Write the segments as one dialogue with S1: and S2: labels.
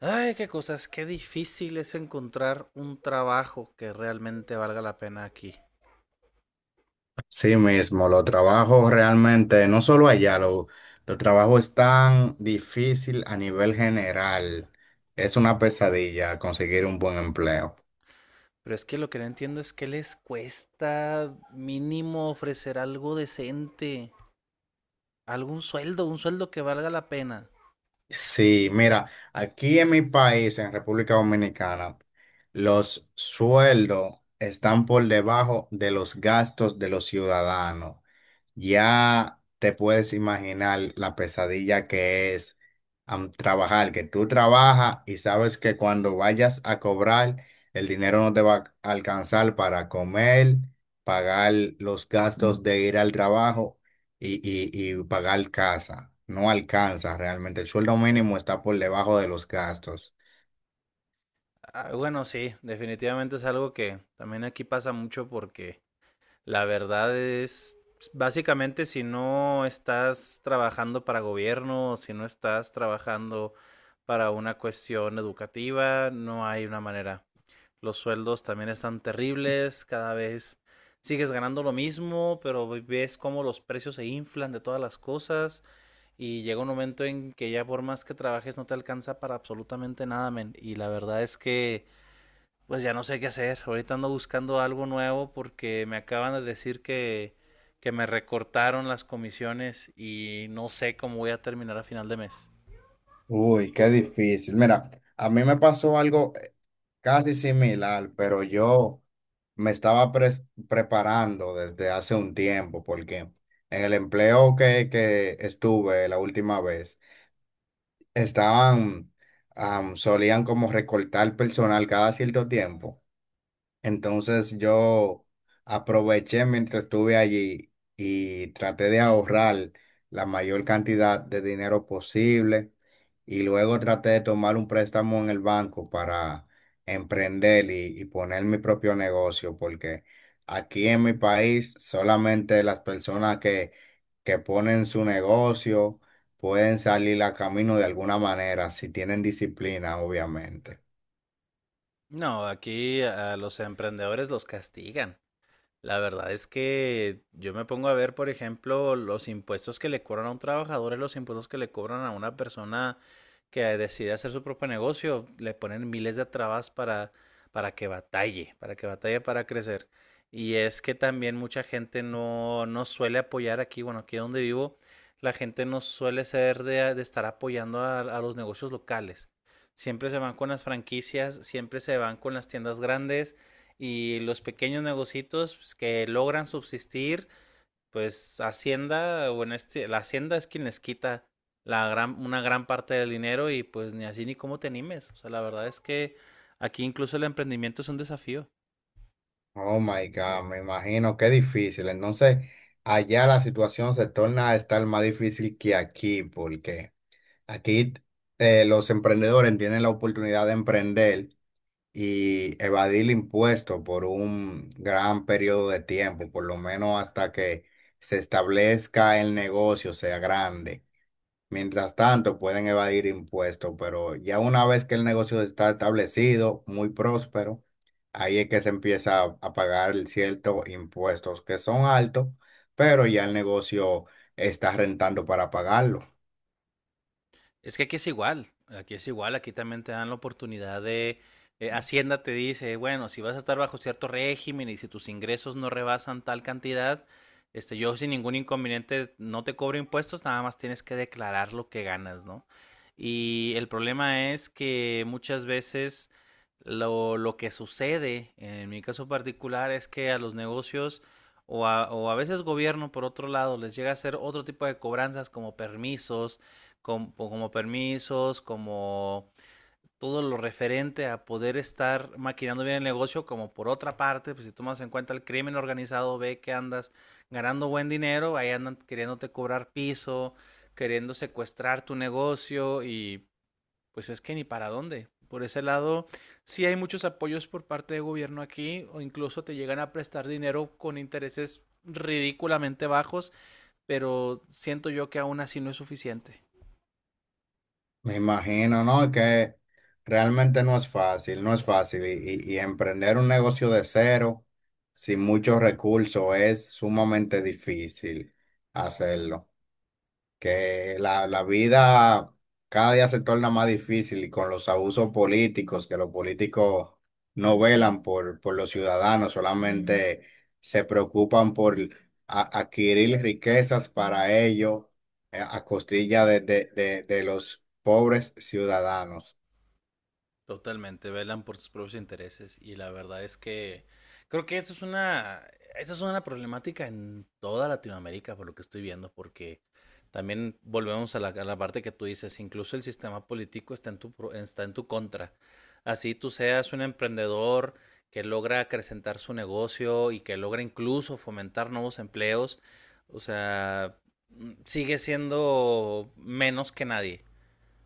S1: Ay, qué cosas, qué difícil es encontrar un trabajo que realmente valga la pena aquí.
S2: Sí mismo, los trabajos realmente, no solo allá, los trabajos están difícil a nivel general. Es una pesadilla conseguir un buen empleo.
S1: Pero es que lo que no entiendo es que les cuesta mínimo ofrecer algo decente, algún sueldo, un sueldo que valga la pena.
S2: Sí, mira, aquí en mi país, en República Dominicana, los sueldos están por debajo de los gastos de los ciudadanos. Ya te puedes imaginar la pesadilla que es trabajar, que tú trabajas y sabes que cuando vayas a cobrar, el dinero no te va a alcanzar para comer, pagar los gastos de ir al trabajo y pagar casa. No alcanza realmente. El sueldo mínimo está por debajo de los gastos.
S1: Ah, bueno, sí, definitivamente es algo que también aquí pasa mucho porque la verdad es, básicamente si no estás trabajando para gobierno, si no estás trabajando para una cuestión educativa, no hay una manera. Los sueldos también están terribles, cada vez sigues ganando lo mismo, pero ves cómo los precios se inflan de todas las cosas y llega un momento en que ya por más que trabajes no te alcanza para absolutamente nada, men. Y la verdad es que pues ya no sé qué hacer. Ahorita ando buscando algo nuevo porque me acaban de decir que me recortaron las comisiones y no sé cómo voy a terminar a final de mes.
S2: Uy, qué difícil. Mira, a mí me pasó algo casi similar, pero yo me estaba preparando desde hace un tiempo porque en el empleo que estuve la última vez, estaban, solían como recortar personal cada cierto tiempo. Entonces yo aproveché mientras estuve allí y traté de ahorrar la mayor cantidad de dinero posible y luego traté de tomar un préstamo en el banco para emprender y poner mi propio negocio porque aquí en mi país solamente las personas que ponen su negocio pueden salir a camino de alguna manera si tienen disciplina, obviamente.
S1: No, aquí a los emprendedores los castigan. La verdad es que yo me pongo a ver, por ejemplo, los impuestos que le cobran a un trabajador y los impuestos que le cobran a una persona que decide hacer su propio negocio. Le ponen miles de trabas para que batalle, para que batalle para crecer. Y es que también mucha gente no suele apoyar aquí, bueno, aquí donde vivo, la gente no suele ser de estar apoyando a los negocios locales. Siempre se van con las franquicias, siempre se van con las tiendas grandes y los pequeños negocios pues, que logran subsistir, pues Hacienda, o en este, la Hacienda es quien les quita una gran parte del dinero y pues ni así ni cómo te animes. O sea, la verdad es que aquí incluso el emprendimiento es un desafío.
S2: Oh my God, me imagino qué difícil. Entonces, allá la situación se torna a estar más difícil que aquí, porque aquí los emprendedores tienen la oportunidad de emprender y evadir el impuesto por un gran periodo de tiempo, por lo menos hasta que se establezca el negocio, sea grande. Mientras tanto, pueden evadir impuestos, pero ya una vez que el negocio está establecido, muy próspero, ahí es que se empieza a pagar ciertos impuestos que son altos, pero ya el negocio está rentando para pagarlo.
S1: Es que aquí es igual, aquí es igual, aquí también te dan la oportunidad de, Hacienda te dice, bueno, si vas a estar bajo cierto régimen y si tus ingresos no rebasan tal cantidad, este, yo sin ningún inconveniente no te cobro impuestos, nada más tienes que declarar lo que ganas, ¿no? Y el problema es que muchas veces lo que sucede, en mi caso particular, es que a los negocios o o a veces gobierno, por otro lado, les llega a hacer otro tipo de cobranzas como permisos, como permisos, como todo lo referente a poder estar maquinando bien el negocio, como por otra parte, pues si tomas en cuenta el crimen organizado, ve que andas ganando buen dinero, ahí andan queriéndote cobrar piso, queriendo secuestrar tu negocio y pues es que ni para dónde. Por ese lado, sí hay muchos apoyos por parte de gobierno aquí o incluso te llegan a prestar dinero con intereses ridículamente bajos, pero siento yo que aún así no es suficiente.
S2: Me imagino, ¿no? Que realmente no es fácil, no es fácil. Y, y emprender un negocio de cero, sin muchos recursos, es sumamente difícil hacerlo. Que la vida cada día se torna más difícil y con los abusos políticos, que los políticos no velan por los ciudadanos, solamente se preocupan por adquirir riquezas para ellos, a costilla de los pobres ciudadanos.
S1: Totalmente, velan por sus propios intereses y la verdad es que creo que esta es una problemática en toda Latinoamérica por lo que estoy viendo, porque también volvemos a a la parte que tú dices, incluso el sistema político está en tu, está en tu contra. Así tú seas un emprendedor que logra acrecentar su negocio y que logra incluso fomentar nuevos empleos, o sea, sigue siendo menos que nadie.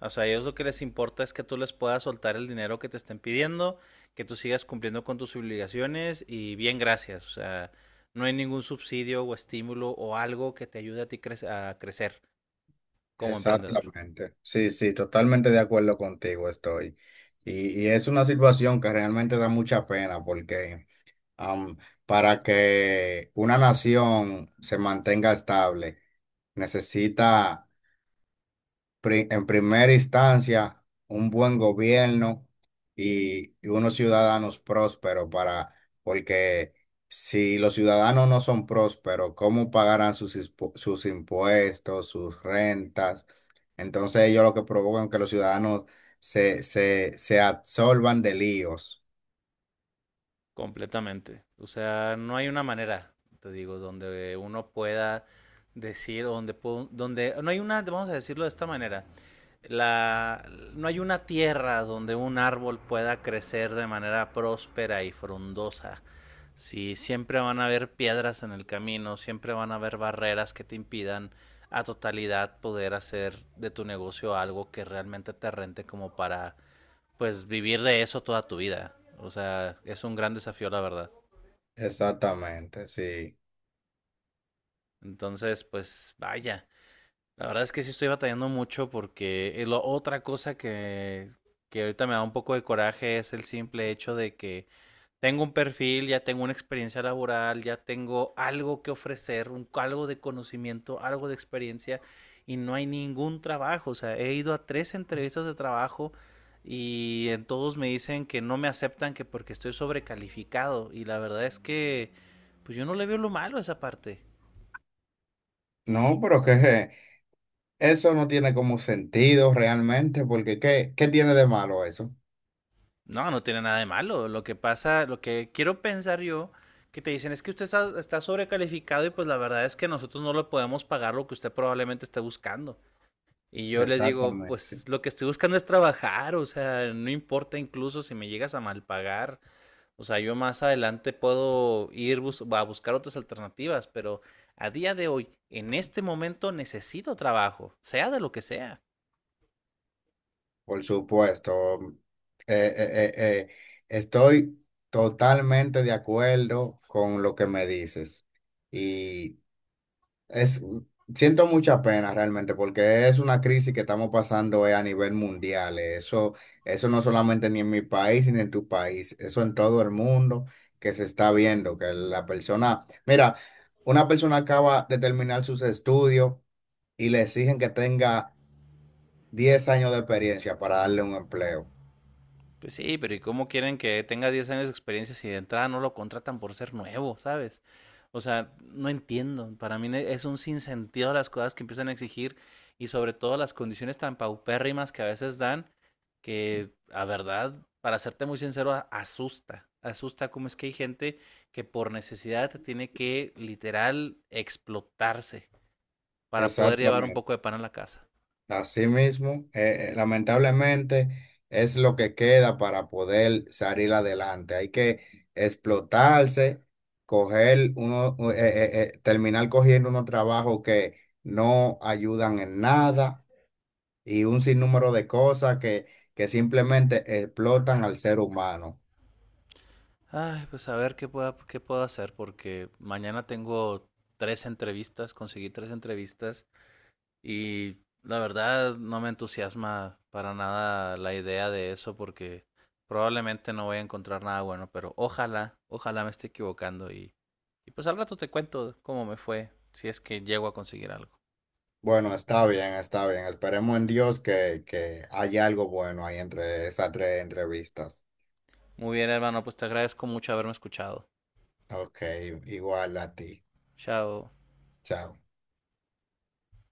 S1: O sea, a ellos lo que les importa es que tú les puedas soltar el dinero que te estén pidiendo, que tú sigas cumpliendo con tus obligaciones y bien, gracias. O sea, no hay ningún subsidio o estímulo o algo que te ayude a ti a crecer como emprendedor.
S2: Exactamente. Sí, sí, totalmente de acuerdo contigo estoy. Y es una situación que realmente da mucha pena porque Am, para que una nación se mantenga estable, necesita en primera instancia un buen gobierno y unos ciudadanos prósperos, para, porque si los ciudadanos no son prósperos, ¿cómo pagarán sus impuestos, sus rentas? Entonces ellos lo que provocan que los ciudadanos se absorban de líos.
S1: Completamente. O sea, no hay una manera, te digo, donde uno pueda decir, donde, donde no hay una, vamos a decirlo de esta manera, la, no hay una tierra donde un árbol pueda crecer de manera próspera y frondosa. Sí, siempre van a haber piedras en el camino, siempre van a haber barreras que te impidan a totalidad poder hacer de tu negocio algo que realmente te rente como para pues vivir de eso toda tu vida. O sea, es un gran desafío la verdad.
S2: Exactamente, sí.
S1: Entonces, pues vaya. La verdad es que sí estoy batallando mucho porque otra cosa que ahorita me da un poco de coraje es el simple hecho de que tengo un perfil, ya tengo una experiencia laboral, ya tengo algo que ofrecer, algo de conocimiento, algo de experiencia y no hay ningún trabajo. O sea, he ido a tres entrevistas de trabajo y en todos me dicen que no me aceptan que porque estoy sobrecalificado y la verdad es que pues yo no le veo lo malo a esa parte.
S2: No, pero que eso no tiene como sentido realmente, porque qué tiene de malo eso?
S1: No, no tiene nada de malo. Lo que pasa, lo que quiero pensar yo que te dicen es que está sobrecalificado y pues la verdad es que nosotros no le podemos pagar lo que usted probablemente esté buscando. Y yo les digo,
S2: Exactamente.
S1: pues lo que estoy buscando es trabajar, o sea, no importa incluso si me llegas a mal pagar, o sea, yo más adelante puedo ir a buscar otras alternativas, pero a día de hoy, en este momento necesito trabajo, sea de lo que sea.
S2: Por supuesto. Eh, eh, eh, eh, Estoy totalmente de acuerdo con lo que me dices. Y es, siento mucha pena realmente porque es una crisis que estamos pasando, a nivel mundial. Eso, eso no solamente ni en mi país ni en tu país, eso en todo el mundo que se está viendo, que la persona, mira, una persona acaba de terminar sus estudios y le exigen que tenga 10 años de experiencia para darle un empleo.
S1: Pues sí, pero ¿y cómo quieren que tenga 10 años de experiencia si de entrada no lo contratan por ser nuevo, ¿sabes? O sea, no entiendo. Para mí es un sinsentido las cosas que empiezan a exigir y sobre todo las condiciones tan paupérrimas que a veces dan que, a verdad, para serte muy sincero, asusta. Asusta cómo es que hay gente que por necesidad tiene que literal explotarse para poder llevar un
S2: Exactamente.
S1: poco de pan a la casa.
S2: Así mismo, lamentablemente es lo que queda para poder salir adelante. Hay que explotarse, coger uno, terminar cogiendo unos trabajos que no ayudan en nada y un sinnúmero de cosas que simplemente explotan al ser humano.
S1: Ay, pues a ver qué pueda, qué puedo hacer, porque mañana tengo tres entrevistas, conseguí tres entrevistas y la verdad no me entusiasma para nada la idea de eso porque probablemente no voy a encontrar nada bueno, pero ojalá, ojalá me esté equivocando y pues al rato te cuento cómo me fue, si es que llego a conseguir algo.
S2: Bueno, está bien, está bien. Esperemos en Dios que haya algo bueno ahí entre esas tres entrevistas.
S1: Muy bien, hermano, pues te agradezco mucho haberme escuchado.
S2: Ok, igual a ti.
S1: Chao.
S2: Chao.